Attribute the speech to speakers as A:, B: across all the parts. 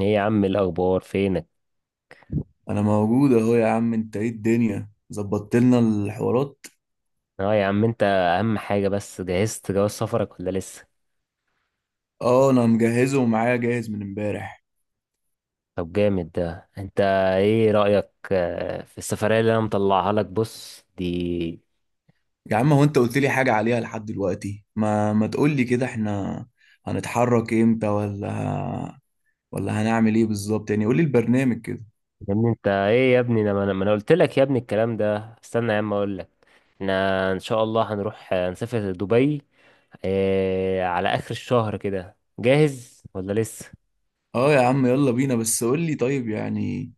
A: ايه يا عم، الاخبار؟ فينك؟
B: انا موجود اهو يا عم. انت ايه؟ الدنيا ظبطت لنا الحوارات؟
A: اه يا عم، انت اهم حاجه. بس جهزت جواز سفرك ولا لسه؟
B: اه انا مجهزه ومعايا جاهز من امبارح.
A: طب جامد ده انت. ايه رايك في السفريه اللي انا مطلعها لك؟ بص دي.
B: يا عم هو انت قلت لي حاجه عليها لحد دلوقتي؟ ما تقول لي كده احنا هنتحرك امتى؟ ولا هنعمل ايه بالظبط؟ يعني قول لي البرنامج كده.
A: يا ابني انت ايه يا ابني؟ انا ما انا ما أنا قلت لك يا ابني الكلام ده. استنى يا عم اقول لك. احنا ان شاء الله هنروح نسافر دبي على اخر الشهر. كده جاهز ولا لسه؟
B: اه يا عم يلا بينا، بس قول لي طيب يعني.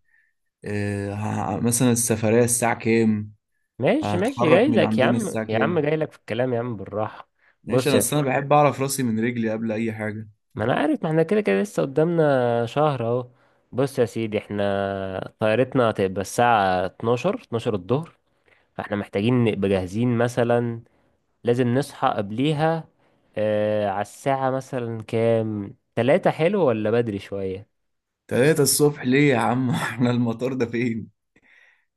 B: مثلا السفريه الساعه كام؟
A: ماشي ماشي، جاي
B: هنتحرك من
A: لك يا
B: عندنا
A: عم.
B: الساعه
A: يا عم
B: كام؟
A: جاي لك في الكلام يا عم، بالراحه.
B: ماشي،
A: بص
B: انا
A: يا
B: اصل انا
A: سيدي،
B: بحب اعرف راسي من رجلي قبل اي حاجه.
A: ما انا عارف. ما احنا كده كده لسه قدامنا شهر اهو. بص يا سيدي، احنا طيارتنا هتبقى الساعة 12 12 الظهر. فاحنا محتاجين نبقى جاهزين مثلا. لازم نصحى قبليها. آه، على الساعة مثلا كام؟ 3؟ حلو ولا بدري شوية؟
B: تلاتة الصبح ليه يا عم؟ احنا المطار ده فين؟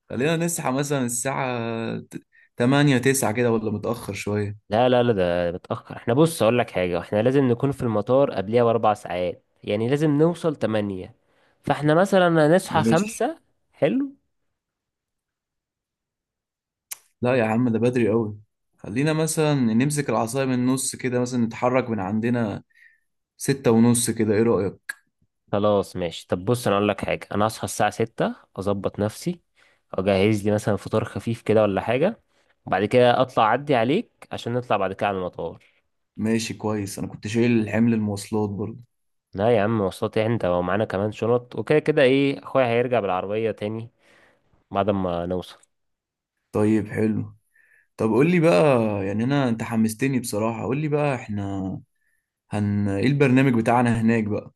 B: خلينا نسعى مثلا الساعة تمانية تسعة كده، ولا متأخر شوية؟
A: لا لا لا، ده متأخر. احنا، بص اقول لك حاجة، احنا لازم نكون في المطار قبليها ب4 ساعات. يعني لازم نوصل 8. فاحنا مثلا هنصحى
B: ماشي.
A: 5. حلو.
B: لا يا عم ده بدري قوي. خلينا مثلا نمسك العصاية من النص كده، مثلا نتحرك من عندنا ستة ونص كده، ايه رأيك؟
A: خلاص ماشي. طب بص انا اقول لك حاجه، انا هصحى الساعه 6 اظبط نفسي. اجهز لي مثلا فطار خفيف كده ولا حاجه، وبعد كده اطلع اعدي عليك عشان نطلع بعد كده على المطار.
B: ماشي كويس. أنا كنت شايل حمل المواصلات برضه.
A: لا يا عم، مواصلات إيه؟ انت ومعانا كمان شنط وكده. كده ايه، اخويا هيرجع بالعربيه تاني بعد ما نوصل.
B: طيب حلو. طب قول لي بقى، يعني أنا أنت حمستني بصراحة. قول لي بقى إحنا هن إيه البرنامج بتاعنا هناك بقى؟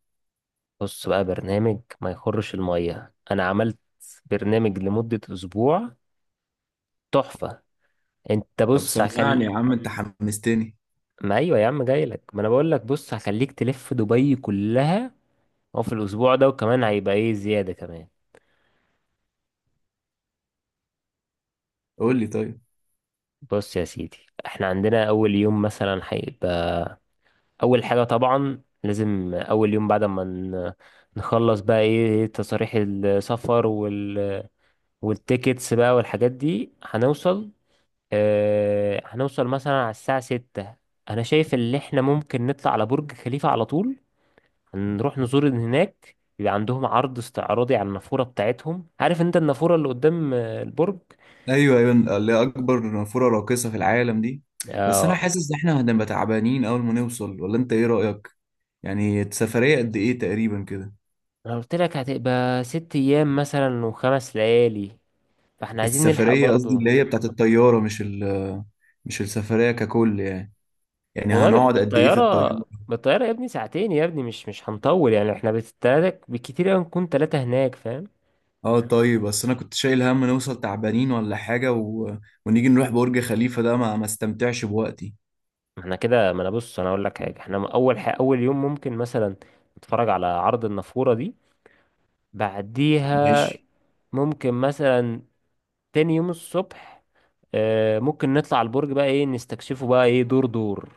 A: بص بقى، برنامج ما يخرش الميه. انا عملت برنامج لمده اسبوع. تحفه. انت
B: طب
A: بص
B: سمعني يا عم، أنت حمستني.
A: ما ايوه يا عم، جاي لك. ما انا بقول لك، بص هخليك تلف دبي كلها. هو في الأسبوع ده، وكمان هيبقى إيه زيادة كمان.
B: قول لي طيب.
A: بص يا سيدي، إحنا عندنا أول يوم مثلا هيبقى. أول حاجة طبعا لازم أول يوم بعد ما نخلص بقى إيه تصاريح السفر والتيكتس بقى والحاجات دي. هنوصل هنوصل مثلا على الساعة 6. أنا شايف إن إحنا ممكن نطلع على برج خليفة على طول. هنروح نزور هناك، بيبقى عندهم عرض استعراضي على النافورة بتاعتهم. عارف أنت النافورة اللي قدام البرج.
B: ايوه ايوه، اللي هي اكبر نافوره راقصه في العالم دي. بس انا
A: آه،
B: حاسس ان احنا هنبقى تعبانين اول ما نوصل، ولا انت ايه رايك؟ يعني السفريه قد ايه تقريبا كده؟
A: انا قلت لك هتبقى 6 ايام مثلا وخمس ليالي، فاحنا عايزين نلحق
B: السفريه قصدي
A: برضو.
B: اللي هي بتاعت الطياره، مش ال، مش السفريه ككل يعني. يعني
A: والله
B: هنقعد قد ايه في
A: بالطياره
B: الطياره؟
A: بالطياره يا ابني ساعتين، يا ابني مش هنطول يعني. احنا بالتلاتة، بالكتير قوي نكون ثلاثه هناك، فاهم؟
B: اه طيب، بس انا كنت شايل هم نوصل تعبانين ولا حاجه، و... ونيجي نروح برج خليفه ده ما استمتعش بوقتي.
A: ما احنا كده، ما انا بص، انا اقول لك حاجه، احنا اول حاجه اول يوم ممكن مثلا نتفرج على عرض النافوره دي، بعديها
B: ماشي
A: ممكن مثلا تاني يوم الصبح ممكن نطلع البرج بقى، ايه، نستكشفه بقى، ايه، دور دور.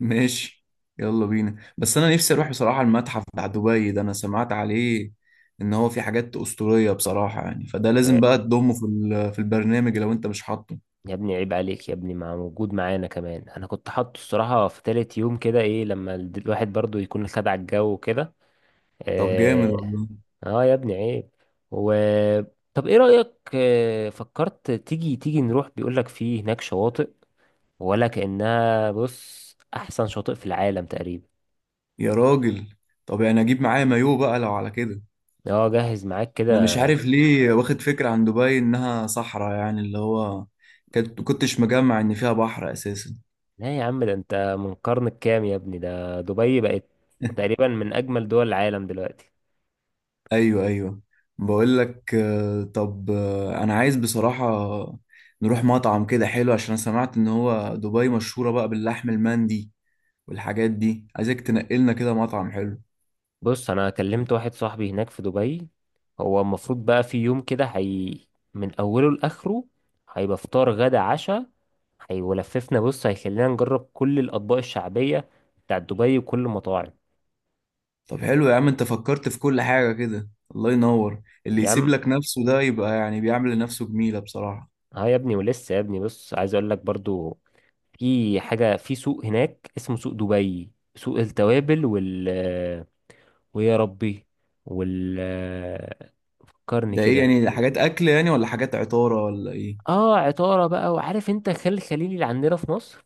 B: ماشي. يلا بينا، بس انا نفسي اروح بصراحة المتحف بتاع دبي ده، انا سمعت عليه ان هو في حاجات اسطورية بصراحة يعني. فده
A: آه،
B: لازم بقى تضمه في في البرنامج لو انت مش حاطه.
A: يا ابني عيب عليك يا ابني، مع موجود معانا كمان. انا كنت حاطه الصراحه في تالت يوم كده، ايه، لما الواحد برضو يكون خد على الجو وكده.
B: طب جامد
A: اه.
B: والله.
A: آه يا ابني، عيب. و، طب ايه رايك فكرت تيجي نروح. بيقول لك في هناك شواطئ، ولا كانها بص احسن شاطئ في العالم تقريبا.
B: يا راجل، طب يعني اجيب معايا مايو بقى لو على كده؟
A: اه، جهز معاك
B: انا مش
A: كده.
B: عارف ليه واخد فكرة عن دبي انها صحراء، يعني اللي هو كنت كنتش مجمع ان فيها بحر اساسا.
A: لا يا عم، ده انت من قرن الكام يا ابني؟ ده دبي بقت تقريبا من اجمل دول العالم دلوقتي.
B: ايوه ايوه. بقول لك آه، طب آه، انا عايز بصراحة نروح مطعم كده حلو، عشان انا سمعت ان هو دبي مشهورة بقى باللحم المندي والحاجات دي. عايزك تنقلنا كده مطعم حلو.
A: بص انا كلمت واحد صاحبي هناك في دبي. هو المفروض بقى في يوم كده، هي من اوله لاخره هيبقى فطار غدا عشاء. هي ولففنا بص، هيخلينا نجرب كل الاطباق الشعبيه بتاع دبي وكل المطاعم.
B: طب حلو يا عم، انت فكرت في كل حاجة كده. الله ينور. اللي
A: يا
B: يسيب
A: عم.
B: لك نفسه ده يبقى يعني بيعمل لنفسه جميلة بصراحة.
A: ها يا ابني، ولسه يا ابني، بص عايز اقول لك برضو، في حاجه في سوق هناك اسمه سوق دبي، سوق التوابل ويا ربي وال فكرني
B: ده ايه
A: كده.
B: يعني؟ حاجات اكل يعني، ولا حاجات عطارة، ولا ايه؟
A: اه، عطاره بقى. وعارف انت خل الخليلي اللي عندنا في مصر؟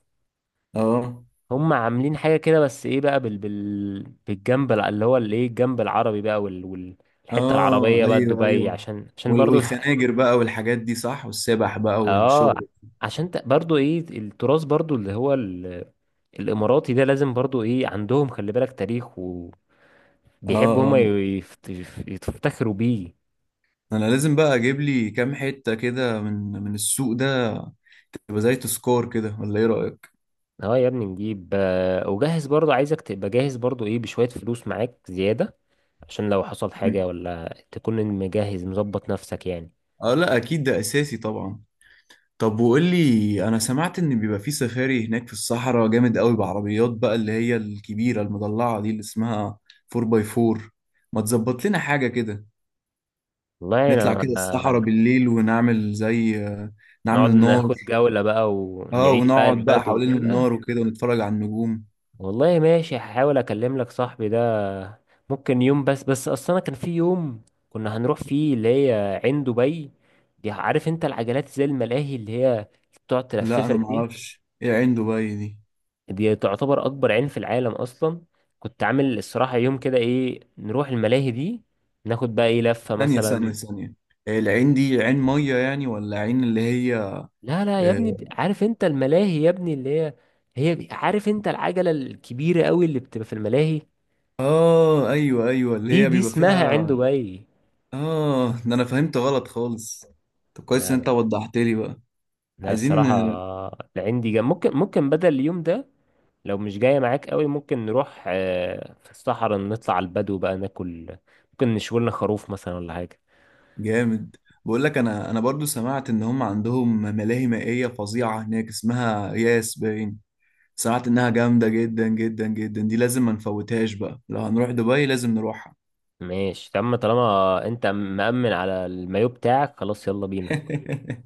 B: اه.
A: هم عاملين حاجة كده، بس ايه بقى بالجنب اللي هو الايه، الجنب العربي بقى الحتة
B: اه
A: العربية بقى
B: ايوه
A: دبي،
B: ايوه،
A: عشان برضو
B: والخناجر بقى والحاجات دي، صح، والسبح بقى
A: اه
B: والشغل.
A: عشان برضو ايه التراث، برضو اللي هو الاماراتي ده، لازم برضو، ايه، عندهم، خلي بالك، تاريخ.
B: اه.
A: وبيحبوا هم
B: اه
A: يفتخروا بيه.
B: انا لازم بقى اجيب لي كام حتة كده من السوق ده، تبقى زي تذكار كده، ولا ايه رأيك؟
A: اه يا ابني نجيب وجهز برضو. عايزك تبقى جاهز برضو، ايه، بشوية فلوس معاك زيادة عشان لو حصل حاجة،
B: مم.
A: ولا تكون مجهز مظبط نفسك يعني.
B: اه لا اكيد ده اساسي طبعا. طب وقول لي، انا سمعت ان بيبقى في سفاري هناك في الصحراء جامد قوي، بعربيات بقى اللي هي الكبيرة المضلعة دي اللي اسمها 4x4. ما تظبط لنا حاجة كده؟
A: والله،
B: نطلع كده الصحراء
A: انا
B: بالليل ونعمل زي،
A: نقعد
B: نعمل نار.
A: ناخد جولة بقى
B: اه
A: ونعيش بقى
B: ونقعد بقى
A: البدو
B: حوالين النار
A: وكده.
B: وكده ونتفرج على النجوم.
A: والله ماشي، هحاول اكلم لك صاحبي ده. ممكن يوم، بس اصلا كان في يوم كنا هنروح فيه، اللي هي عين دبي. دي، عارف انت العجلات زي الملاهي اللي هي بتقعد
B: لا
A: تلففك
B: انا
A: دي.
B: معرفش ايه عين دبي دي.
A: دي تعتبر اكبر عين في العالم اصلا. كنت عامل الصراحة يوم كده، ايه، نروح الملاهي دي، ناخد بقى ايه لفة
B: ثانية ثانية
A: مثلا.
B: ثانية، العين دي عين مية يعني، ولا عين اللي هي؟
A: لا لا يا ابني،
B: اه
A: عارف انت الملاهي يا ابني اللي هي، هي عارف انت العجلة الكبيرة قوي اللي بتبقى في الملاهي؟
B: آه، ايوه ايوه، اللي
A: دي
B: هي
A: دي
B: بيبقى
A: اسمها عنده
B: فيها.
A: باي.
B: اه ده انا فهمت غلط خالص. طب كويس
A: لا
B: ان انت
A: لا
B: وضحت لي بقى.
A: لا،
B: عايزين.
A: الصراحة، العندي جنب ممكن، بدل اليوم ده لو مش جاية معاك قوي، ممكن نروح في الصحراء، نطلع على البدو بقى، ناكل. ممكن نشوي لنا خروف مثلا ولا حاجة.
B: جامد. بقول لك، انا برضو سمعت ان هم عندهم ملاهي مائية فظيعة هناك، اسمها ياس باين. سمعت انها جامدة جدا جدا جدا. دي لازم ما نفوتهاش بقى. لو هنروح دبي لازم نروحها.
A: ماشي تم. طالما انت مأمن على المايو بتاعك، خلاص يلا بينا.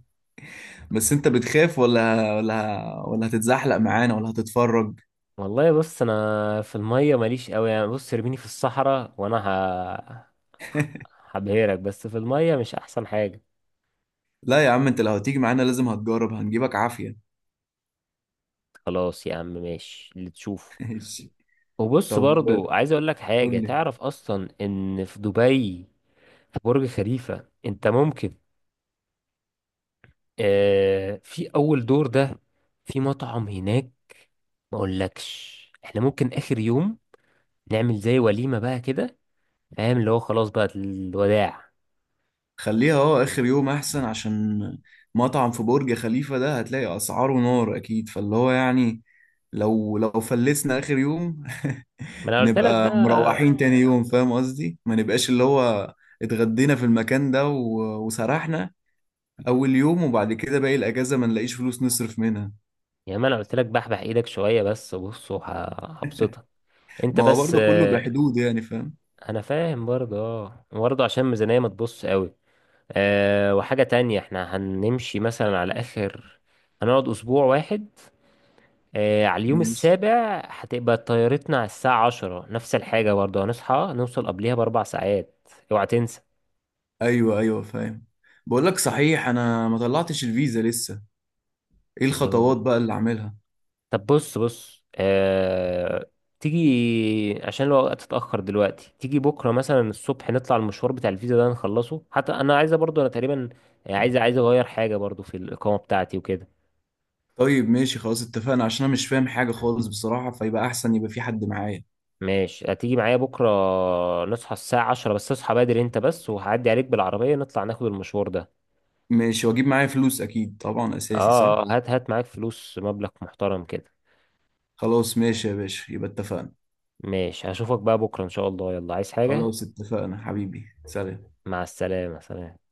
B: بس انت بتخاف، ولا هتتزحلق معانا، ولا هتتفرج؟
A: والله بص، انا في المية ماليش قوي يعني. بص ارميني في الصحراء وانا هبهرك، بس في المية مش احسن حاجة.
B: لا يا عم، انت لو هتيجي معانا لازم هتجرب. هنجيبك عافية.
A: خلاص يا عم، ماشي اللي تشوفه.
B: ماشي.
A: وبص
B: طب
A: برضو عايز اقول لك حاجة.
B: قول لي.
A: تعرف اصلا ان في دبي، في برج خليفة انت ممكن، آه في اول دور ده، في مطعم هناك، ما اقولكش؟ احنا ممكن اخر يوم نعمل زي وليمة بقى كده، فاهم، اللي هو خلاص بقى الوداع.
B: خليها اه اخر يوم احسن، عشان مطعم في برج خليفة ده هتلاقي اسعاره نار اكيد، فاللي هو يعني لو فلسنا اخر يوم
A: ما انا قلت لك
B: نبقى
A: بقى.
B: مروحين تاني يوم. فاهم قصدي؟ ما نبقاش اللي هو اتغدينا في المكان ده وسرحنا اول يوم، وبعد كده باقي الاجازة ما نلاقيش فلوس نصرف منها.
A: يعني ما انا قلت لك، بحبح ايدك شوية. بس بص هبسطك. انت
B: ما هو
A: بس
B: برضه كله بحدود يعني، فاهم؟
A: انا فاهم برضه، اه برضه عشان الميزانية ما تبص قوي. أه وحاجة تانية، احنا هنمشي مثلا على آخر، هنقعد أسبوع واحد. أه على اليوم
B: ماشي.
A: السابع هتبقى طيارتنا على الساعة 10، نفس الحاجة برضه، هنصحى نوصل قبليها ب4 ساعات، اوعى تنسى.
B: ايوه ايوه فاهم. بقول لك صحيح، انا ما طلعتش الفيزا لسه. ايه
A: أيوه.
B: الخطوات بقى اللي اعملها؟
A: طب بص بص تيجي، عشان الوقت اتأخر دلوقتي. تيجي بكرة مثلا الصبح، نطلع المشوار بتاع الفيزا ده نخلصه، حتى أنا عايزة برضه، أنا تقريبا عايز أغير حاجة برضه في الإقامة بتاعتي وكده.
B: طيب ماشي خلاص، اتفقنا. عشان انا مش فاهم حاجه خالص بصراحه، فيبقى احسن يبقى في حد معايا.
A: ماشي، هتيجي معايا بكرة. نصحى الساعة 10، بس اصحى بدري انت، بس وهعدي عليك بالعربية نطلع ناخد المشوار ده.
B: ماشي. واجيب معايا فلوس اكيد طبعا،
A: اه
B: اساسي، صح؟
A: هات هات معاك فلوس، مبلغ محترم كده.
B: خلاص ماشي يا باشا، يبقى اتفقنا.
A: ماشي، هشوفك بقى بكرة ان شاء الله. يلا، عايز حاجة؟
B: خلاص اتفقنا حبيبي، سلام.
A: مع السلامة، سلام.